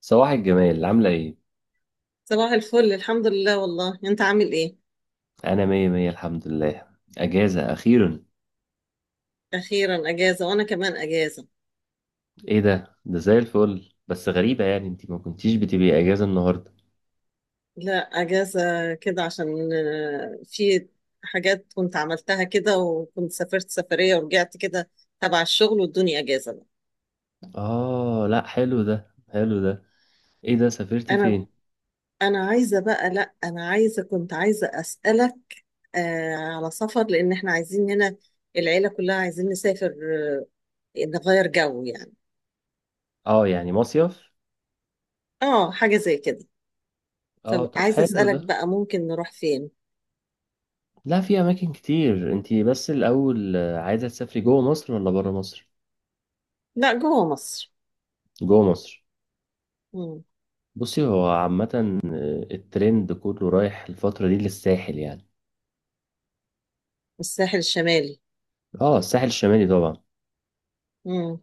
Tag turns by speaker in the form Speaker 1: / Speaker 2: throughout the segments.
Speaker 1: صباح الجمال، عاملة ايه؟
Speaker 2: صباح الفل، الحمد لله. والله انت عامل ايه؟
Speaker 1: أنا مية مية الحمد لله. أجازة أخيرا.
Speaker 2: اخيرا اجازه، وانا كمان اجازه.
Speaker 1: ايه ده؟ ده زي الفل، بس غريبة يعني انتي ما كنتيش بتبقي أجازة النهاردة.
Speaker 2: لا، اجازه كده عشان في حاجات كنت عملتها كده، وكنت سافرت سفريه ورجعت كده تبع الشغل والدنيا. اجازه بقى.
Speaker 1: آه لأ، حلو ده، حلو ده. ايه ده، سافرتي
Speaker 2: انا
Speaker 1: فين؟
Speaker 2: انا عايزه بقى، لا انا عايزه، كنت عايزه اسالك على سفر، لان احنا عايزين هنا، العيله كلها عايزين نسافر، آه نغير جو يعني.
Speaker 1: آه يعني مصيف؟
Speaker 2: اه، حاجه زي كده.
Speaker 1: آه طب
Speaker 2: فعايزه
Speaker 1: حلو
Speaker 2: اسالك
Speaker 1: ده.
Speaker 2: بقى، ممكن نروح فين؟
Speaker 1: لا، في أماكن كتير. انتي بس الأول عايزة تسافري جوه مصر ولا برا مصر؟
Speaker 2: لا، جوه مصر.
Speaker 1: جوه مصر. بصي، هو عامة الترند كله رايح الفترة دي للساحل يعني.
Speaker 2: الساحل الشمالي.
Speaker 1: آه الساحل الشمالي طبعا.
Speaker 2: مم.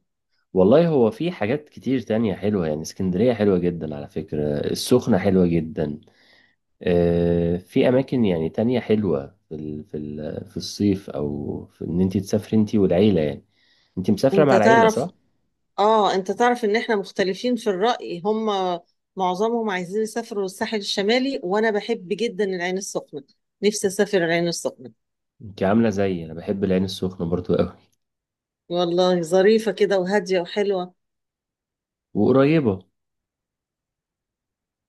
Speaker 1: والله هو في حاجات كتير تانية حلوة يعني، اسكندرية حلوة جدا على فكرة، السخنة حلوة جدا. في أماكن يعني تانية حلوة في الصيف، أو في إن أنت تسافري أنت والعيلة يعني. أنت مسافرة
Speaker 2: انت
Speaker 1: مع العيلة
Speaker 2: تعرف
Speaker 1: صح؟
Speaker 2: اه انت تعرف ان احنا مختلفين في الرأي. هم معظمهم عايزين يسافروا الساحل الشمالي، وانا بحب جدا العين السخنة. نفسي اسافر العين السخنة.
Speaker 1: أنت عاملة زيي، أنا بحب العين السخنة برضو أوي.
Speaker 2: والله ظريفة كده، وهادية وحلوة.
Speaker 1: وقريبة.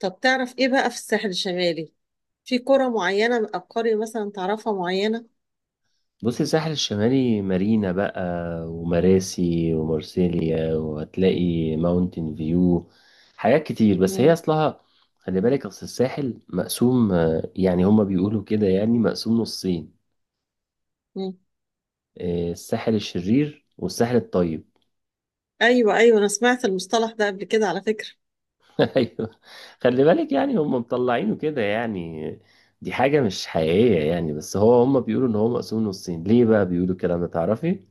Speaker 2: طب تعرف ايه بقى في الساحل الشمالي؟ في قرى معينة او قرية مثلا تعرفها معينة؟
Speaker 1: بص، الساحل الشمالي مارينا بقى، ومراسي ومارسيليا، وهتلاقي ماونتن فيو، حاجات كتير. بس هي
Speaker 2: مم.
Speaker 1: اصلها، خلي بالك، اصل الساحل مقسوم، يعني هما بيقولوا كده يعني مقسوم نصين.
Speaker 2: مم.
Speaker 1: الساحل الشرير والساحل الطيب
Speaker 2: ايوه، ايوه، انا سمعت المصطلح ده قبل كده على فكرة.
Speaker 1: ايوه. خلي بالك، يعني هما مطلعينه كده يعني، دي حاجة مش حقيقية يعني، بس هو هما بيقولوا ان هو مقسوم نصين. ليه بقى بيقولوا الكلام ده، تعرفي؟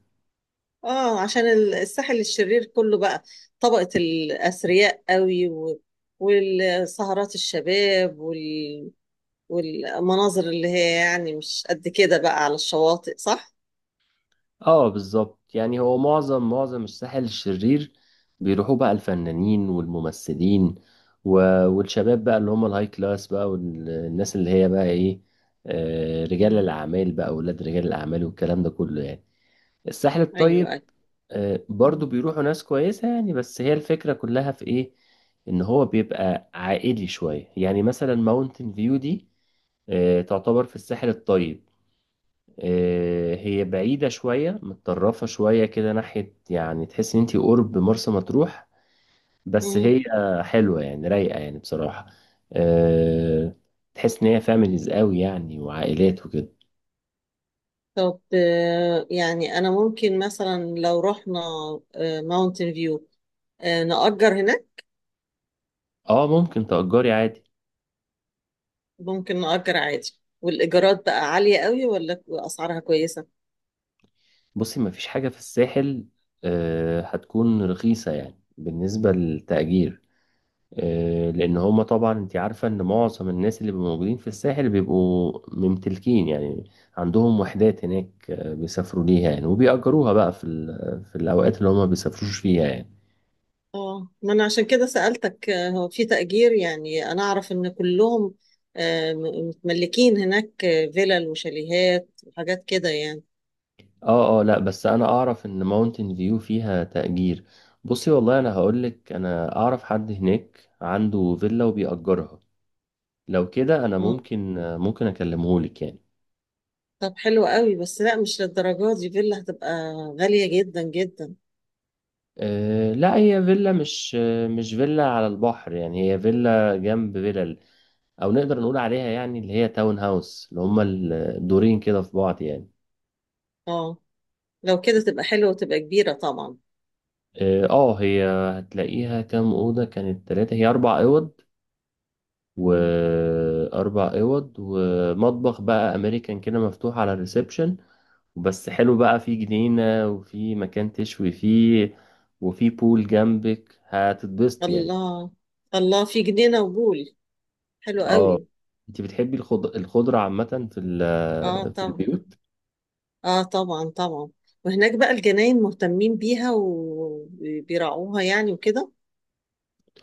Speaker 2: اه، عشان الساحل الشرير كله بقى طبقة الأثرياء قوي، والسهرات الشباب، والمناظر اللي هي يعني مش قد كده بقى على الشواطئ، صح؟
Speaker 1: اه بالظبط، يعني هو معظم الساحل الشرير بيروحوا بقى الفنانين والممثلين، و... والشباب بقى اللي هم الهاي كلاس بقى، والناس اللي هي بقى ايه، آه رجال
Speaker 2: مم.
Speaker 1: الاعمال بقى، اولاد رجال الاعمال والكلام ده كله يعني. الساحل الطيب،
Speaker 2: أيوة، أيوة.
Speaker 1: آه
Speaker 2: مم.
Speaker 1: برضو بيروحوا ناس كويسة يعني. بس هي الفكرة كلها في ايه، ان هو بيبقى عائلي شوية يعني. مثلا ماونتن فيو دي آه تعتبر في الساحل الطيب. هي بعيدة شوية، متطرفة شوية كده ناحية، يعني تحس ان انتي قرب مرسى مطروح. بس
Speaker 2: مم.
Speaker 1: هي حلوة يعني، رايقة يعني بصراحة. آه، تحس ان هي فاميليز قوي يعني، وعائلات وكده.
Speaker 2: طب، يعني أنا ممكن مثلا لو رحنا ماونتن فيو، نأجر هناك.
Speaker 1: اه، ممكن تأجري عادي.
Speaker 2: ممكن نأجر عادي. والإيجارات بقى عالية قوي ولا أسعارها كويسة؟
Speaker 1: بصي، مفيش حاجة في الساحل هتكون رخيصة يعني بالنسبة للتأجير. لان هما طبعا انت عارفه ان معظم الناس اللي بيبقوا موجودين في الساحل بيبقوا ممتلكين يعني، عندهم وحدات هناك، بيسافروا ليها يعني، وبيأجروها بقى في الاوقات اللي هما بيسافروش فيها يعني.
Speaker 2: اه، ما انا عشان كده سألتك. هو في تأجير؟ يعني انا اعرف ان كلهم متملكين هناك، فيلل وشاليهات وحاجات كده يعني.
Speaker 1: اه اه، لا بس انا اعرف ان ماونتن فيو فيها تأجير. بصي، والله انا هقولك، انا اعرف حد هناك عنده فيلا وبيأجرها. لو كده انا
Speaker 2: مم.
Speaker 1: ممكن، ممكن اكلمهولك يعني.
Speaker 2: طب حلو قوي، بس لا، مش للدرجات دي. فيلا هتبقى غالية جدا جدا.
Speaker 1: أه لا، هي فيلا مش، مش فيلا على البحر يعني، هي فيلا جنب فيلا، او نقدر نقول عليها يعني اللي هي تاون هاوس، اللي هما الدورين كده في بعض يعني.
Speaker 2: اه، لو كده تبقى حلوة وتبقى كبيرة طبعا.
Speaker 1: اه هي هتلاقيها كام اوضه، كانت ثلاثه، هي اربع اوض.
Speaker 2: مم.
Speaker 1: واربع اوض ومطبخ بقى امريكان كده مفتوح على الريسبشن. بس حلو بقى، في جنينه، وفي مكان تشوي فيه، وفي بول جنبك، هتتبسط يعني.
Speaker 2: الله، الله، في جنينة وبول! حلو
Speaker 1: اه.
Speaker 2: قوي.
Speaker 1: انت بتحبي الخضره عامه في ال...
Speaker 2: اه
Speaker 1: في
Speaker 2: طبعا.
Speaker 1: البيوت.
Speaker 2: اه طبعا طبعا. وهناك بقى الجناين مهتمين بيها وبيراعوها يعني وكده.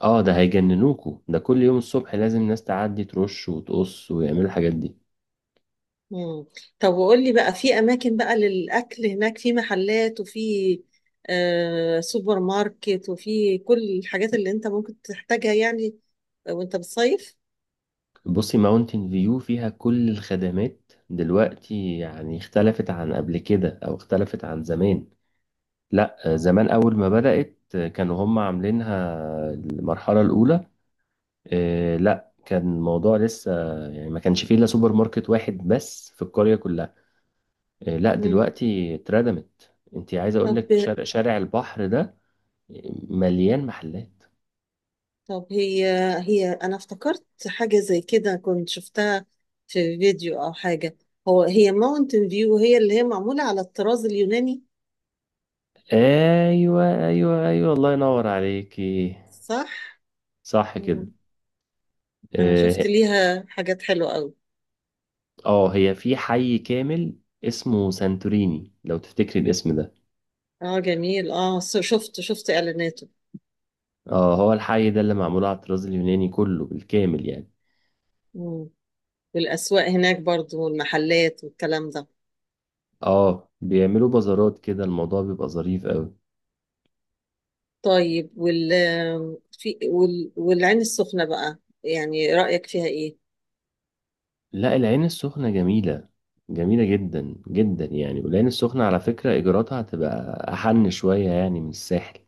Speaker 1: اه، ده هيجننوكوا ده، كل يوم الصبح لازم ناس تعدي ترش وتقص ويعملوا الحاجات دي.
Speaker 2: مم. طب وقول لي بقى، في اماكن بقى للاكل هناك؟ في محلات، وفي سوبر ماركت، وفي كل الحاجات اللي انت ممكن تحتاجها يعني وانت بتصيف.
Speaker 1: بصي، ماونتن فيو فيها كل الخدمات دلوقتي يعني، اختلفت عن قبل كده، او اختلفت عن زمان. لا، زمان اول ما بدأت، كانوا هم عاملينها المرحلة الاولى، آه لا كان الموضوع لسه يعني، ما كانش فيه الا سوبر ماركت واحد بس في القرية كلها. آه لا
Speaker 2: مم.
Speaker 1: دلوقتي اتردمت. انت عايز اقول
Speaker 2: طب
Speaker 1: لك، شارع، شارع البحر ده مليان محلات.
Speaker 2: طب هي انا افتكرت حاجة زي كده، كنت شفتها في فيديو او حاجة. هي ماونتن فيو هي اللي هي معمولة على الطراز اليوناني،
Speaker 1: ايوه ايوه ايوه، الله ينور عليكي.
Speaker 2: صح؟
Speaker 1: صح كده.
Speaker 2: مم. انا
Speaker 1: اه
Speaker 2: شفت ليها حاجات حلوة قوي.
Speaker 1: هي في حي كامل اسمه سانتوريني، لو تفتكري الاسم ده.
Speaker 2: اه جميل. اه، شفت اعلاناته.
Speaker 1: اه هو الحي ده اللي معمول على الطراز اليوناني كله بالكامل يعني.
Speaker 2: مم. والأسواق هناك برضو، والمحلات والكلام ده.
Speaker 1: اه بيعملوا بازارات كده، الموضوع بيبقى ظريف قوي.
Speaker 2: طيب، والعين السخنة بقى، يعني رأيك فيها إيه؟
Speaker 1: لا العين السخنة جميلة، جميلة جدا جدا يعني، والعين السخنة على فكرة إيجاراتها هتبقى أحن شوية يعني من الساحل.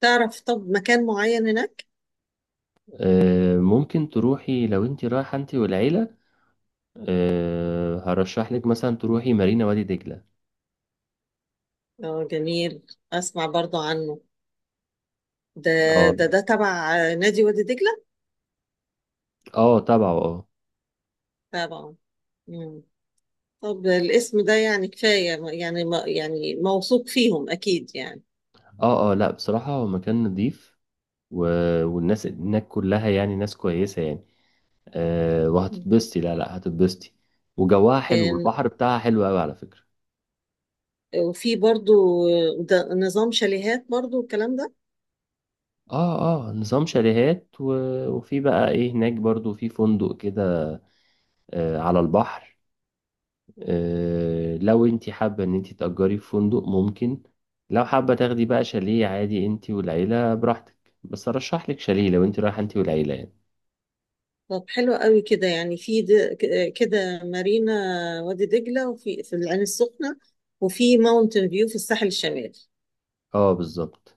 Speaker 2: تعرف؟ طب، مكان معين هناك؟
Speaker 1: ممكن تروحي لو انت رايحة انت والعيلة، أه هرشح لك مثلا تروحي مارينا وادي دجلة.
Speaker 2: اه جميل، أسمع برضو عنه ده.
Speaker 1: اه
Speaker 2: ده تبع نادي وادي دجلة؟
Speaker 1: اه، تبعه اه.
Speaker 2: تبعه. مم. طب الاسم ده يعني كفاية يعني، يعني موثوق فيهم أكيد يعني.
Speaker 1: اه اه لا بصراحة، هو مكان نضيف، و... والناس هناك كلها يعني ناس كويسة يعني. أه
Speaker 2: مم.
Speaker 1: وهتتبسطي، لا لا، هتتبسطي. وجواها حلو،
Speaker 2: كان-
Speaker 1: والبحر بتاعها حلو قوي على فكرة.
Speaker 2: وفي برضو، ده نظام شاليهات برضو الكلام ده؟
Speaker 1: اه اه، نظام شاليهات، و... وفي بقى ايه هناك برضو، في فندق كده أه على البحر. لو انت حابة ان انت تأجري في فندق ممكن، لو حابة تاخدي بقى شاليه عادي انت والعيلة براحتك. بس ارشح لك شاليه لو انت رايحة انت والعيلة يعني.
Speaker 2: طب حلو قوي كده يعني، في كده مارينا وادي دجلة، وفي العين السخنة، وفي ماونتن فيو في الساحل الشمالي.
Speaker 1: اه بالظبط.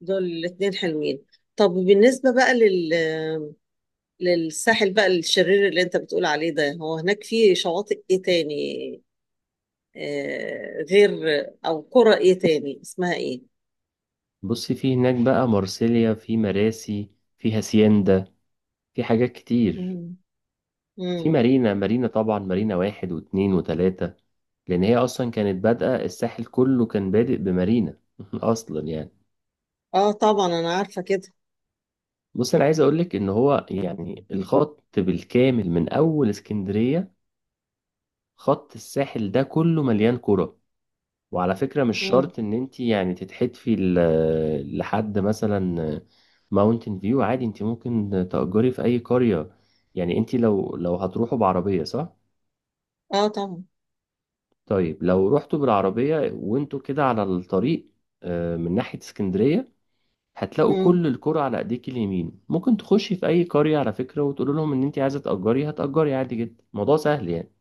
Speaker 2: دول الاتنين حلوين. طب بالنسبة بقى للساحل بقى الشرير اللي انت بتقول عليه ده، هو هناك في شواطئ ايه تاني غير؟ او قرى ايه تاني اسمها ايه؟
Speaker 1: بصي، في هناك بقى مارسيليا، في مراسي، في هاسيندا، في حاجات كتير.
Speaker 2: مم.
Speaker 1: في
Speaker 2: مم.
Speaker 1: مارينا، مارينا طبعا، مارينا واحد واتنين وتلاتة، لان هي اصلا كانت بادئة. الساحل كله كان بادئ بمارينا اصلا يعني.
Speaker 2: اه طبعا، انا عارفة كده.
Speaker 1: بص، انا عايز اقولك ان هو يعني الخط بالكامل من اول اسكندرية، خط الساحل ده كله مليان كرة. وعلى فكرة مش
Speaker 2: مم.
Speaker 1: شرط ان انت يعني تتحدفي لحد مثلا ماونتن فيو، عادي انت ممكن تأجري في اي قرية. يعني انت، لو هتروحوا بعربية صح؟
Speaker 2: اه طبعا.
Speaker 1: طيب لو رحتوا بالعربية وانتوا كده على الطريق، من ناحية اسكندرية، هتلاقوا
Speaker 2: مم.
Speaker 1: كل الكرة على ايديك اليمين. ممكن تخشي في اي قرية على فكرة، وتقول لهم ان انت عايزة تأجري، هتأجري عادي جدا، الموضوع سهل يعني.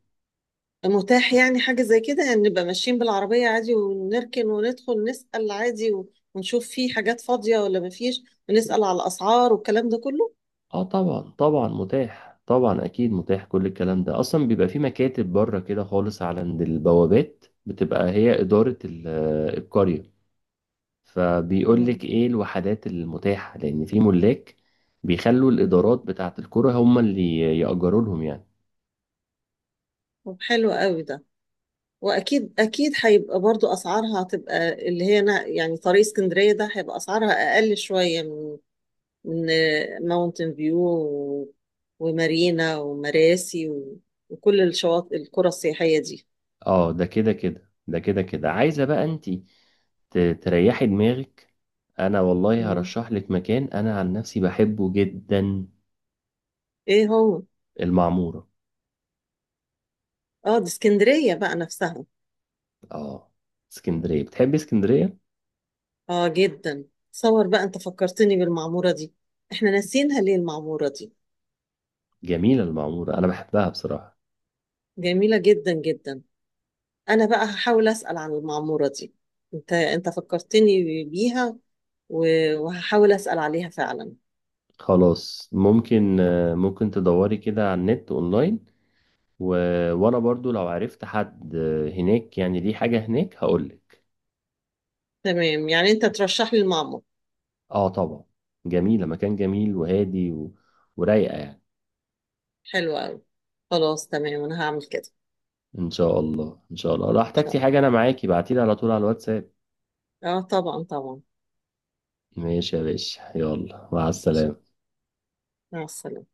Speaker 2: متاح يعني حاجة زي كده يعني، نبقى ماشيين بالعربية عادي ونركن وندخل نسأل عادي، ونشوف في حاجات فاضية ولا مفيش، ونسأل على الأسعار والكلام ده كله.
Speaker 1: اه طبعا طبعا متاح، طبعا اكيد متاح، كل الكلام ده اصلا بيبقى في مكاتب بره كده خالص، على عند البوابات، بتبقى هي اداره ال- القريه. فبيقول
Speaker 2: مم.
Speaker 1: لك ايه الوحدات المتاحه، لان في ملاك بيخلوا
Speaker 2: مم.
Speaker 1: الادارات بتاعه القرى هم اللي ياجروا لهم يعني.
Speaker 2: طب حلو قوي ده، وأكيد أكيد هيبقى برضو أسعارها هتبقى اللي هي يعني طريق اسكندرية ده هيبقى أسعارها أقل شوية من ماونتن فيو ومارينا ومراسي وكل الشواطئ القرى السياحية دي.
Speaker 1: اه ده كده كده، ده كده كده، عايزه بقى انت تريحي دماغك. انا والله
Speaker 2: مم.
Speaker 1: هرشح لك مكان انا عن نفسي بحبه جدا:
Speaker 2: إيه هو؟
Speaker 1: المعموره.
Speaker 2: اه، دي اسكندرية بقى نفسها؟
Speaker 1: اه. اسكندريه، بتحبي اسكندريه.
Speaker 2: اه جدا. تصور بقى، انت فكرتني بالمعمورة دي. احنا ناسيينها ليه المعمورة دي؟
Speaker 1: جميلة المعمورة، أنا بحبها بصراحة.
Speaker 2: جميلة جدا جدا. انا بقى هحاول اسأل عن المعمورة دي. انت فكرتني بيها، وهحاول اسأل عليها فعلا.
Speaker 1: خلاص، ممكن ممكن تدوري كده على النت أونلاين، و... وأنا برضو لو عرفت حد هناك، يعني ليه حاجة هناك، هقولك.
Speaker 2: تمام يعني، انت ترشح لي المعمور.
Speaker 1: آه طبعا. جميلة، مكان جميل وهادي و... ورايقة يعني.
Speaker 2: حلو قوي. خلاص، تمام، انا هعمل كده. ان
Speaker 1: إن شاء الله، إن شاء الله، لو احتجتي
Speaker 2: شاء
Speaker 1: حاجة أنا معاكي، بعتيلي على طول على الواتساب.
Speaker 2: الله. اه طبعا طبعا.
Speaker 1: ماشي يا باشا، يلا، مع السلامة.
Speaker 2: مع السلامة.